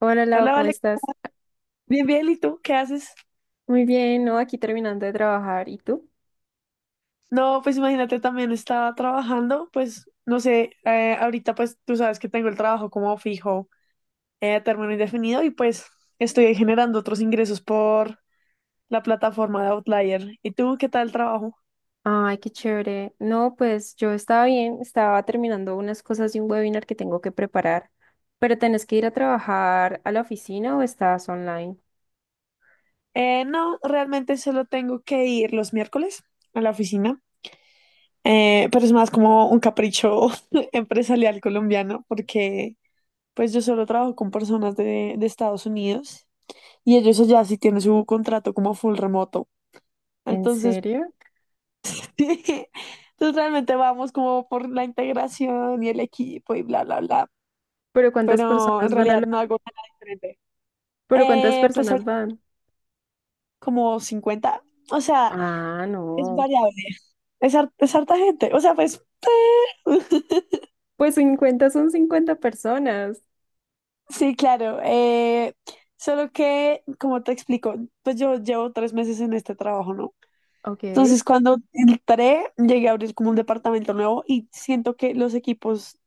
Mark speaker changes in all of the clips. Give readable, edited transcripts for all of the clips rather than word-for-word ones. Speaker 1: Hola Lau,
Speaker 2: Hola,
Speaker 1: ¿cómo
Speaker 2: vale.
Speaker 1: estás?
Speaker 2: Bien, bien, ¿y tú qué haces?
Speaker 1: Muy bien, ¿no? Aquí terminando de trabajar. ¿Y tú?
Speaker 2: No, pues imagínate, también estaba trabajando, pues no sé, ahorita pues tú sabes que tengo el trabajo como fijo, a término indefinido y pues estoy generando otros ingresos por la plataforma de Outlier. ¿Y tú qué tal el trabajo?
Speaker 1: Ay, qué chévere. No, pues yo estaba bien, estaba terminando unas cosas de un webinar que tengo que preparar. ¿Pero tenés que ir a trabajar a la oficina o estás online?
Speaker 2: No, realmente solo tengo que ir los miércoles a la oficina, pero es más como un capricho empresarial colombiano porque pues yo solo trabajo con personas de Estados Unidos. Y ellos allá sí tienen su contrato como full remoto.
Speaker 1: ¿En
Speaker 2: Entonces,
Speaker 1: serio?
Speaker 2: entonces realmente vamos como por la integración y el equipo y bla, bla, bla.
Speaker 1: ¿Pero cuántas
Speaker 2: Pero en
Speaker 1: personas van a
Speaker 2: realidad
Speaker 1: la...
Speaker 2: no hago nada diferente.
Speaker 1: ¿Pero cuántas
Speaker 2: Pues
Speaker 1: personas
Speaker 2: ahorita
Speaker 1: van?
Speaker 2: como 50. O sea,
Speaker 1: Ah,
Speaker 2: es
Speaker 1: no.
Speaker 2: variable. Es harta gente. O sea, pues.
Speaker 1: Pues 50, son 50 personas.
Speaker 2: Sí, claro. Solo que, como te explico, pues yo llevo 3 meses en este trabajo, ¿no?
Speaker 1: Ok.
Speaker 2: Entonces, cuando entré, llegué a abrir como un departamento nuevo y siento que los equipos, o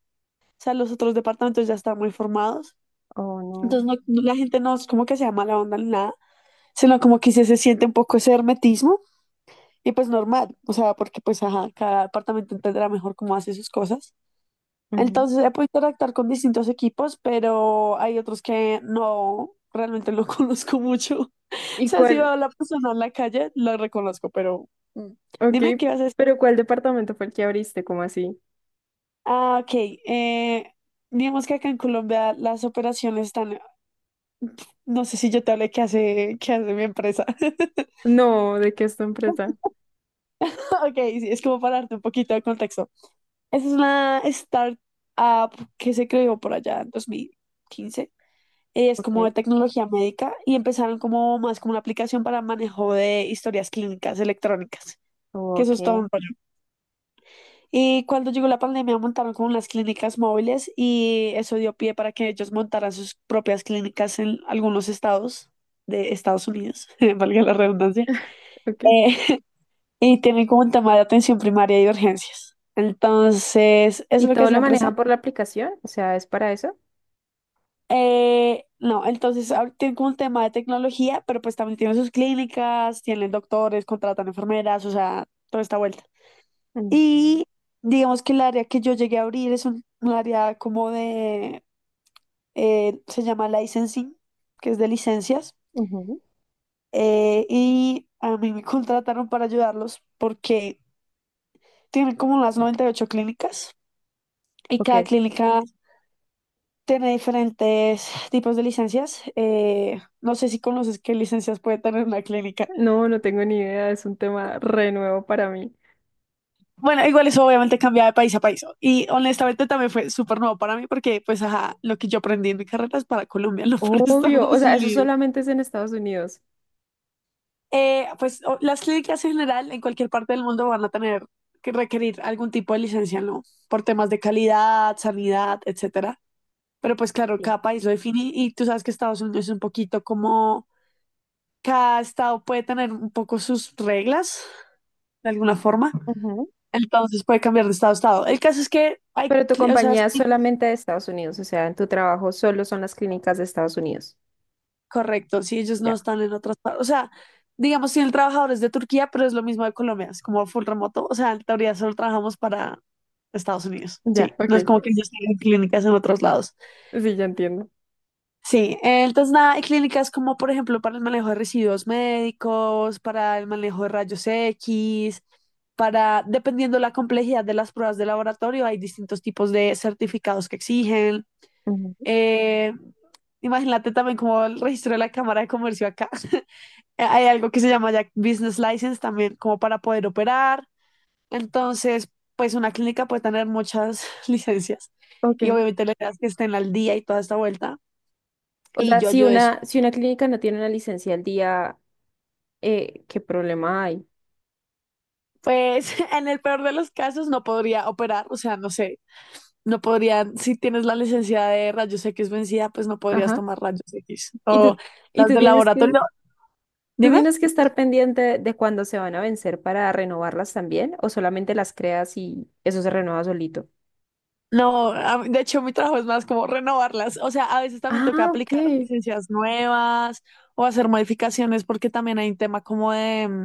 Speaker 2: sea, los otros departamentos ya están muy formados.
Speaker 1: Oh, no.
Speaker 2: Entonces, la gente no es como que sea mala onda ni nada, sino como que sí se siente un poco ese hermetismo y pues normal, o sea, porque pues ajá, cada departamento entenderá mejor cómo hace sus cosas.
Speaker 1: Ujú.
Speaker 2: Entonces, he podido interactuar con distintos equipos, pero hay otros que no, realmente no conozco mucho. O
Speaker 1: ¿Y
Speaker 2: sea, si veo
Speaker 1: cuál?
Speaker 2: a la persona en la calle, la reconozco, pero mm,
Speaker 1: Ok,
Speaker 2: dime qué vas a.
Speaker 1: pero ¿cuál departamento fue el que abriste? ¿Cómo así?
Speaker 2: Ah, ok. Eh, digamos que acá en Colombia las operaciones están. No sé si yo te hablé qué hace mi empresa.
Speaker 1: No, ¿de qué es tu empresa?
Speaker 2: Ok, sí, es como para darte un poquito de contexto. Esa es una startup que se creó por allá en 2015. Es
Speaker 1: Ok,
Speaker 2: como de tecnología médica y empezaron como más como una aplicación para manejo de historias clínicas electrónicas, que eso
Speaker 1: ok,
Speaker 2: es todo un rollo. Y cuando llegó la pandemia montaron como unas clínicas móviles y eso dio pie para que ellos montaran sus propias clínicas en algunos estados de Estados Unidos, valga la redundancia,
Speaker 1: ok.
Speaker 2: eh, y tienen como un tema de atención primaria y de urgencias. Entonces, eso es
Speaker 1: ¿Y
Speaker 2: lo que
Speaker 1: todo
Speaker 2: hace la
Speaker 1: lo
Speaker 2: empresa.
Speaker 1: manejan por la aplicación? O sea, ¿es para eso?
Speaker 2: No, entonces ahorita tienen como un tema de tecnología, pero pues también tienen sus clínicas, tienen doctores, contratan enfermeras, o sea, toda esta vuelta.
Speaker 1: Mm,
Speaker 2: Y digamos que el área que yo llegué a abrir es un área como de, se llama licensing, que es de licencias,
Speaker 1: ujú,
Speaker 2: y a mí me contrataron para ayudarlos porque tienen como unas 98 clínicas y
Speaker 1: ok.
Speaker 2: cada clínica tiene diferentes tipos de licencias. No sé si conoces qué licencias puede tener una clínica.
Speaker 1: No, no tengo ni idea, es un tema re nuevo para mí.
Speaker 2: Bueno, igual eso obviamente cambia de país a país, ¿no? Y honestamente también fue súper nuevo para mí porque pues ajá, lo que yo aprendí en mi carrera es para Colombia, no para
Speaker 1: Obvio, o
Speaker 2: Estados
Speaker 1: sea, eso
Speaker 2: Unidos.
Speaker 1: solamente es en Estados Unidos.
Speaker 2: Pues las clínicas en general en cualquier parte del mundo van a tener que requerir algún tipo de licencia, ¿no? Por temas de calidad, sanidad, etcétera. Pero pues claro,
Speaker 1: Sí.
Speaker 2: cada país lo define y tú sabes que Estados Unidos es un poquito como cada estado puede tener un poco sus reglas de alguna forma,
Speaker 1: Ujú.
Speaker 2: entonces puede cambiar de estado a estado. El caso es que hay,
Speaker 1: Pero tu
Speaker 2: o sea,
Speaker 1: compañía es
Speaker 2: sí.
Speaker 1: solamente de Estados Unidos, o sea, en tu trabajo solo son las clínicas de Estados Unidos.
Speaker 2: Correcto, si ellos no
Speaker 1: Ya.
Speaker 2: están en otras partes, o sea, digamos, si el trabajador es de Turquía, pero es lo mismo de Colombia, es como full remoto, o sea, en teoría solo trabajamos para Estados Unidos,
Speaker 1: Ya,
Speaker 2: sí,
Speaker 1: ok,
Speaker 2: no es como que ellos tienen clínicas en otros lados.
Speaker 1: sí, ya entiendo.
Speaker 2: Sí, entonces nada, hay clínicas como por ejemplo para el manejo de residuos médicos, para el manejo de rayos X, para, dependiendo la complejidad de las pruebas de laboratorio, hay distintos tipos de certificados que exigen.
Speaker 1: Ujú,
Speaker 2: Eh, imagínate también como el registro de la Cámara de Comercio acá. Hay algo que se llama ya business license también, como para poder operar. Entonces, pues una clínica puede tener muchas licencias
Speaker 1: ok.
Speaker 2: y obviamente la idea es que estén al día y toda esta vuelta.
Speaker 1: O
Speaker 2: Y
Speaker 1: sea,
Speaker 2: yo
Speaker 1: si
Speaker 2: ayudo eso.
Speaker 1: una, si una clínica no tiene una licencia al día, ¿qué problema hay?
Speaker 2: Pues en el peor de los casos no podría operar, o sea, no sé, no podrían, si tienes la licencia de rayos X vencida, pues no podrías tomar rayos X.
Speaker 1: Y tú,
Speaker 2: O
Speaker 1: y
Speaker 2: las de laboratorio,
Speaker 1: tú
Speaker 2: dime.
Speaker 1: tienes que estar pendiente de cuándo se van a vencer para renovarlas también, o solamente las creas y eso se renueva solito.
Speaker 2: No, de hecho mi trabajo es más como renovarlas. O sea, a veces también
Speaker 1: Ah,
Speaker 2: toca aplicar
Speaker 1: ok.
Speaker 2: licencias nuevas o hacer modificaciones porque también hay un tema como de,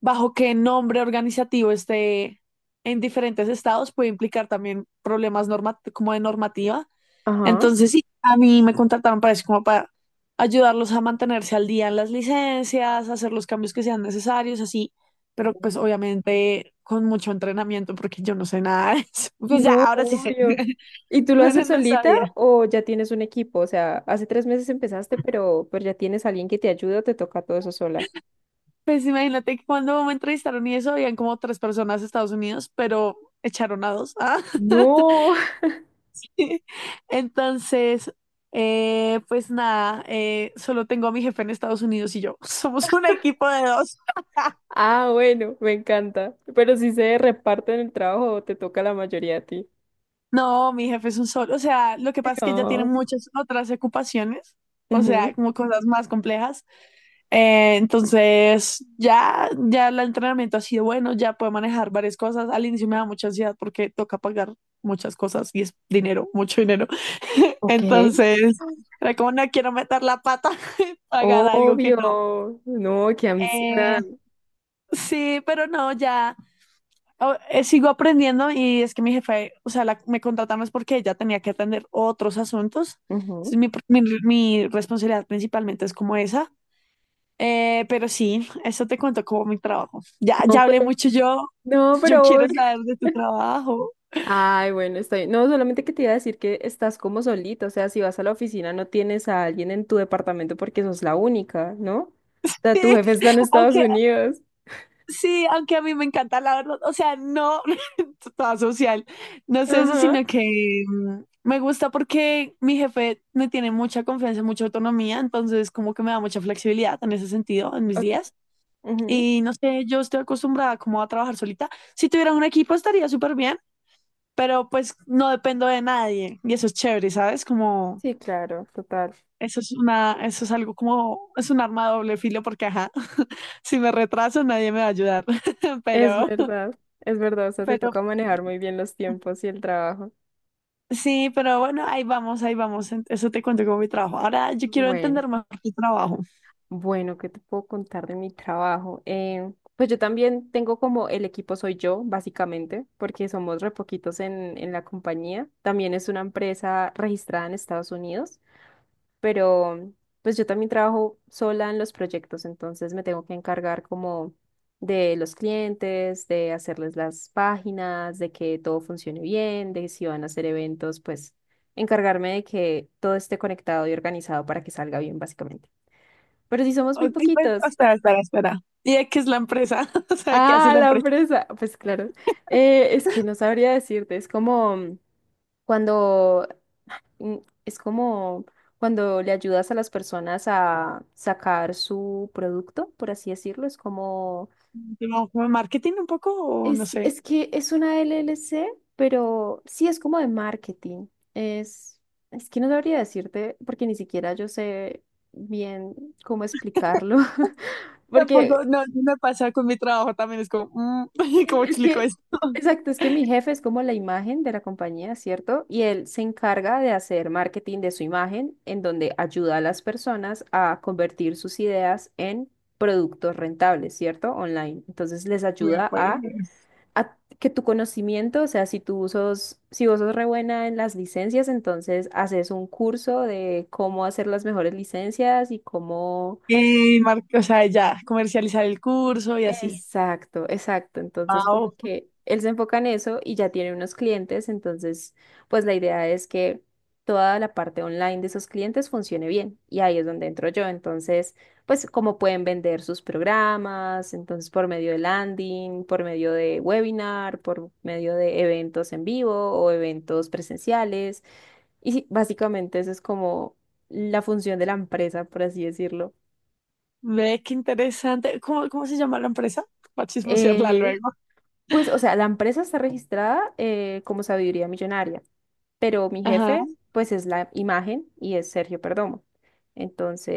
Speaker 2: bajo qué nombre organizativo esté en diferentes estados puede implicar también problemas como de normativa.
Speaker 1: Ajá.
Speaker 2: Entonces, sí, a mí me contrataron para eso, como para ayudarlos a mantenerse al día en las licencias, hacer los cambios que sean necesarios, así, pero pues obviamente con mucho entrenamiento porque yo no sé nada de eso. Pues ya,
Speaker 1: No,
Speaker 2: ahora sí sé.
Speaker 1: obvio. ¿Y tú lo
Speaker 2: Bueno,
Speaker 1: haces
Speaker 2: no
Speaker 1: solita
Speaker 2: sabía.
Speaker 1: o ya tienes un equipo? O sea, hace 3 meses empezaste, pero ya tienes alguien que te ayuda o te toca todo eso sola.
Speaker 2: Pues imagínate que cuando me entrevistaron y eso, habían como tres personas de Estados Unidos, pero echaron a dos. Ah.
Speaker 1: No.
Speaker 2: Entonces, pues nada, solo tengo a mi jefe en Estados Unidos y yo. Somos un equipo de dos.
Speaker 1: Ah, bueno, me encanta. Pero si se reparten el trabajo, o te toca la mayoría a ti.
Speaker 2: No, mi jefe es un solo. O sea, lo que pasa es que ella tiene
Speaker 1: Ah.
Speaker 2: muchas otras ocupaciones, o
Speaker 1: Ujú.
Speaker 2: sea, como cosas más complejas. Entonces, ya el entrenamiento ha sido bueno, ya puedo manejar varias cosas. Al inicio me da mucha ansiedad porque toca pagar muchas cosas y es dinero, mucho dinero.
Speaker 1: Ok.
Speaker 2: Entonces, era como no quiero meter la pata, pagar algo que no.
Speaker 1: Obvio, no, qué
Speaker 2: Eh,
Speaker 1: ansiedad.
Speaker 2: sí, pero no, ya sigo aprendiendo y es que mi jefe, o sea, me contrataron es porque ella tenía que atender otros asuntos.
Speaker 1: Ujú.
Speaker 2: Entonces, mi responsabilidad principalmente es como esa. Pero sí, eso te cuento como mi trabajo. Ya
Speaker 1: No,
Speaker 2: hablé
Speaker 1: pero,
Speaker 2: mucho yo.
Speaker 1: no,
Speaker 2: Yo
Speaker 1: pero
Speaker 2: quiero
Speaker 1: obvio.
Speaker 2: saber de tu trabajo.
Speaker 1: Ay, bueno, estoy. No, solamente que te iba a decir que estás como solita, o sea, si vas a la oficina no tienes a alguien en tu departamento porque sos la única, ¿no? O
Speaker 2: Sí,
Speaker 1: sea, tu jefe está en Estados
Speaker 2: aunque
Speaker 1: Unidos.
Speaker 2: sí, aunque a mí me encanta la verdad, o sea, no toda social, no sé eso,
Speaker 1: Ajá.
Speaker 2: sino que me gusta porque mi jefe me tiene mucha confianza, mucha autonomía, entonces como que me da mucha flexibilidad en ese sentido en mis
Speaker 1: Ok,
Speaker 2: días.
Speaker 1: ujú.
Speaker 2: Y no sé, yo estoy acostumbrada como a trabajar solita. Si tuviera un equipo estaría súper bien, pero pues no dependo de nadie y eso es chévere, ¿sabes? Como
Speaker 1: Sí, claro, total.
Speaker 2: eso es algo como, es un arma de doble filo porque, ajá, si me retraso nadie me va a ayudar, pero,
Speaker 1: Es verdad, o sea, te
Speaker 2: pero
Speaker 1: toca manejar muy bien los tiempos y el trabajo.
Speaker 2: sí, pero bueno, ahí vamos, eso te cuento como mi trabajo. Ahora yo quiero
Speaker 1: Bueno.
Speaker 2: entender más tu trabajo.
Speaker 1: Bueno, ¿qué te puedo contar de mi trabajo? Pues yo también tengo como el equipo soy yo, básicamente, porque somos re poquitos en la compañía. También es una empresa registrada en Estados Unidos, pero pues yo también trabajo sola en los proyectos, entonces me tengo que encargar como de los clientes, de hacerles las páginas, de que todo funcione bien, de si van a hacer eventos, pues encargarme de que todo esté conectado y organizado para que salga bien, básicamente. Pero si somos muy
Speaker 2: Ok, pues,
Speaker 1: poquitos.
Speaker 2: espera, espera, espera. ¿Y de qué es la empresa? O sea, ¿qué hace
Speaker 1: Ah,
Speaker 2: la
Speaker 1: la
Speaker 2: empresa?
Speaker 1: presa. Pues claro. Es que no sabría decirte. Es como cuando mm, es como cuando le ayudas a las personas a sacar su producto, por así decirlo.
Speaker 2: ¿Como marketing un poco o no sé?
Speaker 1: Es que es una LLC, pero sí es como de marketing. Es, es que no sabría decirte porque ni siquiera yo sé bien cómo explicarlo.
Speaker 2: Tampoco,
Speaker 1: Porque
Speaker 2: no, sí me pasa con mi trabajo también, es como,
Speaker 1: sí,
Speaker 2: ¿cómo
Speaker 1: es
Speaker 2: explico
Speaker 1: que,
Speaker 2: esto?
Speaker 1: exacto, es que mi jefe es como la imagen de la compañía, ¿cierto? Y él se encarga de hacer marketing de su imagen, en donde ayuda a las personas a convertir sus ideas en productos rentables, ¿cierto? Online. Entonces les
Speaker 2: Mira,
Speaker 1: ayuda a,
Speaker 2: pues.
Speaker 1: a que tu conocimiento, o sea, si tú sos, si vos sos re buena en las licencias, entonces haces un curso de cómo hacer las mejores licencias y cómo...
Speaker 2: O sea, ya, comercializar el curso y así.
Speaker 1: Exacto, exacto. Entonces,
Speaker 2: Wow,
Speaker 1: como que él se enfoca en eso y ya tiene unos clientes, entonces, pues la idea es que toda la parte online de esos clientes funcione bien y ahí es donde entro yo. Entonces, pues cómo pueden vender sus programas, entonces por medio de landing, por medio de webinar, por medio de eventos en vivo o eventos presenciales. Y sí, básicamente eso es como la función de la empresa, por así decirlo.
Speaker 2: ve qué interesante. ¿Cómo se llama la empresa? Para chismosearla
Speaker 1: Eh,
Speaker 2: luego.
Speaker 1: Pues, o sea, la empresa está registrada como Sabiduría Millonaria, pero mi
Speaker 2: Ajá.
Speaker 1: jefe, pues, es la imagen y es Sergio Perdomo.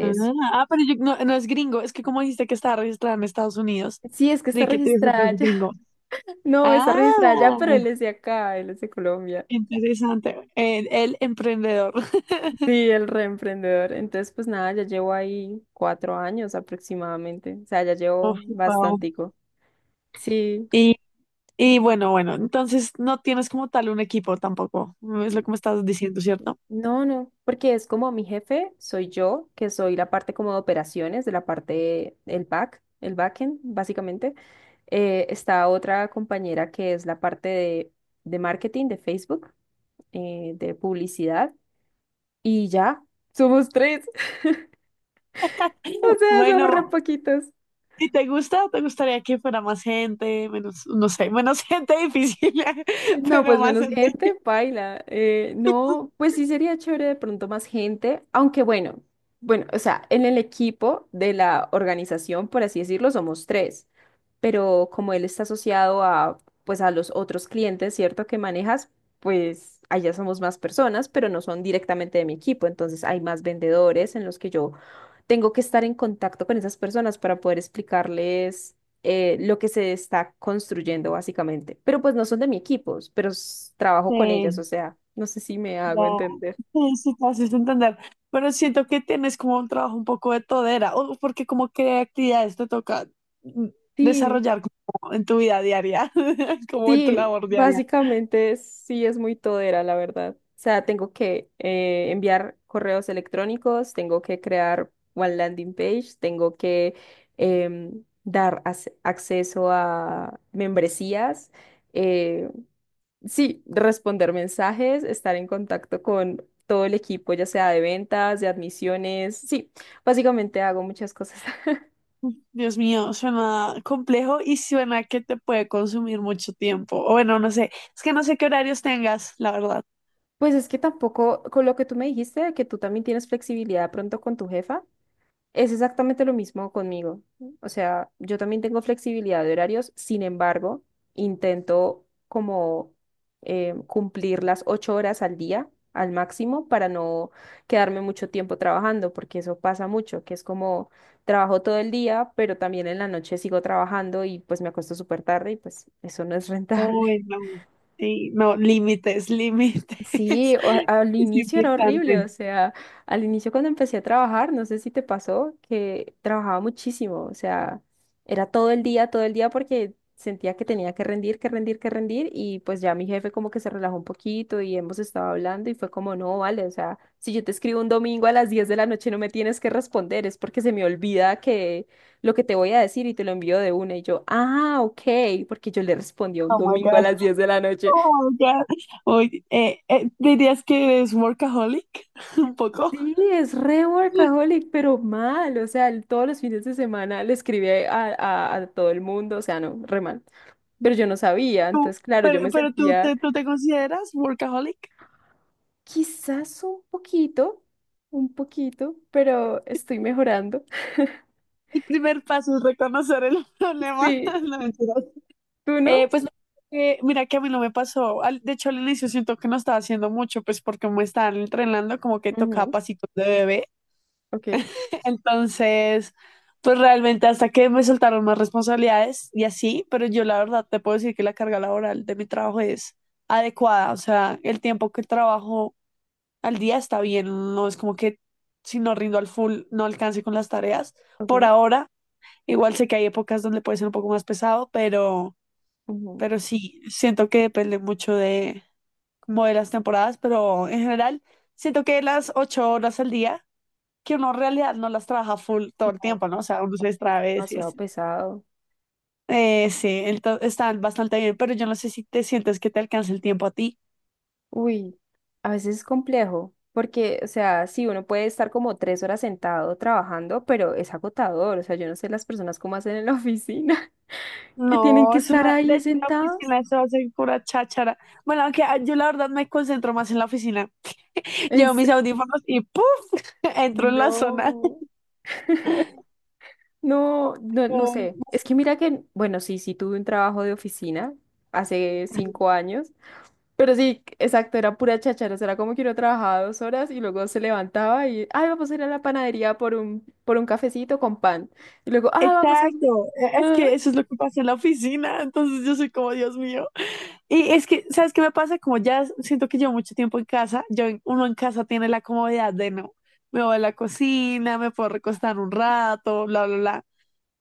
Speaker 2: Ah, ah, pero no, no es gringo, es que como dijiste que estaba registrada en Estados Unidos,
Speaker 1: sí, es que está
Speaker 2: creí que tú fue
Speaker 1: registrada ya.
Speaker 2: gringo.
Speaker 1: No, está
Speaker 2: Ah,
Speaker 1: registrada ya, pero él es de acá, él es de Colombia.
Speaker 2: interesante. El emprendedor.
Speaker 1: Sí, el reemprendedor. Entonces, pues nada, ya llevo ahí 4 años aproximadamente. O sea, ya
Speaker 2: Oh,
Speaker 1: llevo
Speaker 2: wow.
Speaker 1: bastantico. Sí.
Speaker 2: Y bueno, bueno, entonces no tienes como tal un equipo tampoco, es lo que me estás diciendo, ¿cierto?
Speaker 1: No, no, porque es como mi jefe, soy yo, que soy la parte como de operaciones, de la parte, el back, el backend, básicamente. Está otra compañera que es la parte de marketing de Facebook, de publicidad, y ya, somos tres. O sea, somos re
Speaker 2: Bueno,
Speaker 1: poquitos.
Speaker 2: si te gusta, te gustaría que fuera más gente, menos, no sé, menos gente difícil,
Speaker 1: No,
Speaker 2: pero
Speaker 1: pues
Speaker 2: más
Speaker 1: menos
Speaker 2: gente.
Speaker 1: gente, paila. No, pues sí sería chévere de pronto más gente, aunque bueno, bueno, o sea, en el equipo de la organización, por así decirlo, somos tres, pero como él está asociado a, pues a los otros clientes, ¿cierto? Que manejas, pues allá somos más personas, pero no son directamente de mi equipo, entonces hay más vendedores en los que yo tengo que estar en contacto con esas personas para poder explicarles lo que se está construyendo básicamente. Pero pues no son de mi equipo, pero trabajo con ellas,
Speaker 2: Sí,
Speaker 1: o sea, no sé si me
Speaker 2: ya,
Speaker 1: hago entender.
Speaker 2: sí, sí, te haces entender. Pero siento que tienes como un trabajo un poco de todera, o porque como qué actividades te toca, mm,
Speaker 1: Sí,
Speaker 2: desarrollar como en tu vida diaria, como en tu
Speaker 1: sí,
Speaker 2: labor diaria.
Speaker 1: básicamente sí es muy todera, la verdad. O sea, tengo que enviar correos electrónicos, tengo que crear one landing page, tengo que dar acceso a membresías. eh, Sí, responder mensajes, estar en contacto con todo el equipo, ya sea de ventas, de admisiones. Sí, básicamente hago muchas cosas.
Speaker 2: Dios mío, suena complejo y suena que te puede consumir mucho tiempo. O bueno, no sé, es que no sé qué horarios tengas, la verdad.
Speaker 1: Pues es que tampoco, con lo que tú me dijiste, de que tú también tienes flexibilidad pronto con tu jefa, es exactamente lo mismo conmigo. O sea, yo también tengo flexibilidad de horarios, sin embargo, intento como cumplir las 8 horas al día al máximo para no quedarme mucho tiempo trabajando, porque eso pasa mucho, que es como trabajo todo el día, pero también en la noche sigo trabajando y pues me acuesto súper tarde y pues eso no es rentable.
Speaker 2: Uy, no. Sí, no, límites, límites.
Speaker 1: Sí, o- al
Speaker 2: Es
Speaker 1: inicio era horrible, o
Speaker 2: importante.
Speaker 1: sea, al inicio cuando empecé a trabajar, no sé si te pasó, que trabajaba muchísimo, o sea, era todo el día porque sentía que tenía que rendir, que rendir, que rendir y pues ya mi jefe como que se relajó un poquito y hemos estado hablando y fue como, no, vale, o sea, si yo te escribo un domingo a las 10 de la noche no me tienes que responder, es porque se me olvida que lo que te voy a decir y te lo envío de una y yo, ah, ok, porque yo le respondí un
Speaker 2: Oh my
Speaker 1: domingo a
Speaker 2: God.
Speaker 1: las 10 de la noche.
Speaker 2: Oh my God. Uy, ¿dirías que eres workaholic? Un poco.
Speaker 1: Sí, es re workaholic, pero mal, o sea, el- todos los fines de semana le escribía a, a todo el mundo, o sea, no, re mal, pero yo no sabía,
Speaker 2: Tú-
Speaker 1: entonces, claro, yo
Speaker 2: pero,
Speaker 1: me
Speaker 2: pero tú
Speaker 1: sentía
Speaker 2: te, tú te consideras workaholic?
Speaker 1: quizás un poquito, pero estoy mejorando.
Speaker 2: El primer paso es reconocer el problema.
Speaker 1: Sí,
Speaker 2: No, mentiras.
Speaker 1: ¿tú
Speaker 2: Eh,
Speaker 1: no?
Speaker 2: pues mira que a mí no me pasó. De hecho, al inicio siento que no estaba haciendo mucho, pues porque me estaban entrenando como que tocaba
Speaker 1: Ujú,
Speaker 2: pasitos de bebé.
Speaker 1: ok,
Speaker 2: Entonces, pues realmente hasta que me soltaron más responsabilidades y así, pero yo la verdad te puedo decir que la carga laboral de mi trabajo es adecuada. O sea, el tiempo que trabajo al día está bien. No es como que si no rindo al full no alcance con las tareas.
Speaker 1: ok,
Speaker 2: Por ahora, igual sé que hay épocas donde puede ser un poco más pesado, pero.
Speaker 1: ujú.
Speaker 2: Pero sí, siento que depende mucho de como de las temporadas, pero en general siento que las 8 horas al día, que uno en realidad no las trabaja full todo el tiempo, ¿no? O
Speaker 1: Ay,
Speaker 2: sea, uno se distrae
Speaker 1: es
Speaker 2: a veces y
Speaker 1: demasiado
Speaker 2: así.
Speaker 1: pesado.
Speaker 2: Sí, entonces están bastante bien, pero yo no sé si te sientes que te alcanza el tiempo a ti.
Speaker 1: Uy, a veces es complejo, porque, o sea, sí, uno puede estar como 3 horas sentado trabajando, pero es agotador. O sea, yo no sé las personas cómo hacen en la oficina, que tienen
Speaker 2: No,
Speaker 1: que
Speaker 2: es
Speaker 1: estar
Speaker 2: una, de
Speaker 1: ahí
Speaker 2: hecho la
Speaker 1: sentados.
Speaker 2: oficina se va a hacer pura cháchara. Bueno, aunque yo la verdad me concentro más en la oficina.
Speaker 1: En
Speaker 2: Llevo
Speaker 1: se-
Speaker 2: mis audífonos y ¡puf! Entro en la zona.
Speaker 1: No, no, no, no
Speaker 2: Pero,
Speaker 1: sé.
Speaker 2: no
Speaker 1: Es
Speaker 2: sé.
Speaker 1: que mira que, bueno, sí, sí tuve un trabajo de oficina hace 5 años. Pero sí, exacto, era pura cháchara, o sea, era como que uno trabajaba 2 horas y luego se levantaba y, ay, vamos a ir a la panadería por un cafecito con pan. Y luego, ah, vamos a...
Speaker 2: Exacto, es
Speaker 1: Ajá.
Speaker 2: que eso es lo que pasa en la oficina, entonces yo soy como, Dios mío. Y es que, ¿sabes qué me pasa? Como ya siento que llevo mucho tiempo en casa, yo, uno en casa tiene la comodidad de no, me voy a la cocina, me puedo recostar un rato, bla, bla, bla.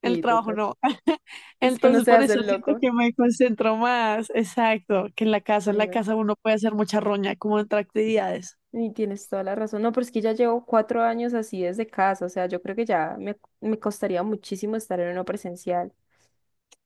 Speaker 2: En el
Speaker 1: Sí,
Speaker 2: trabajo
Speaker 1: total.
Speaker 2: no.
Speaker 1: Y si uno
Speaker 2: Entonces
Speaker 1: se
Speaker 2: por
Speaker 1: hace
Speaker 2: eso
Speaker 1: el
Speaker 2: siento
Speaker 1: loco,
Speaker 2: que me concentro más, exacto, que en la
Speaker 1: bueno,
Speaker 2: casa uno puede hacer mucha roña, como entre actividades.
Speaker 1: y tienes toda la razón. No, pero es que ya llevo 4 años así desde casa, o sea, yo creo que ya me costaría muchísimo estar en uno presencial.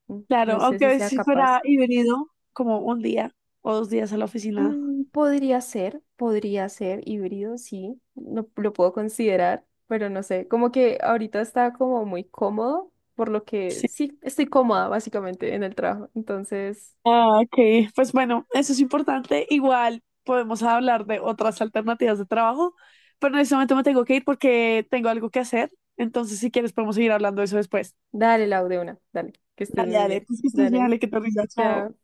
Speaker 1: Mm,
Speaker 2: Claro,
Speaker 1: no sé
Speaker 2: aunque a
Speaker 1: si
Speaker 2: veces
Speaker 1: sea
Speaker 2: si
Speaker 1: capaz.
Speaker 2: fuera y venido como un día o 2 días a la oficina.
Speaker 1: Mm, podría ser híbrido, sí, lo puedo considerar, pero no sé, como que ahorita está como muy cómodo, por lo que sí, estoy cómoda básicamente en el trabajo. Entonces,
Speaker 2: Ah, ok. Pues bueno, eso es importante. Igual podemos hablar de otras alternativas de trabajo, pero en este momento me tengo que ir porque tengo algo que hacer. Entonces, si quieres, podemos seguir hablando de eso después.
Speaker 1: dale, Lau, de una, dale, que estés
Speaker 2: Dale,
Speaker 1: muy
Speaker 2: dale.
Speaker 1: bien,
Speaker 2: Pues que estés bien,
Speaker 1: dale,
Speaker 2: dale, que te rinda. Chao.
Speaker 1: chao.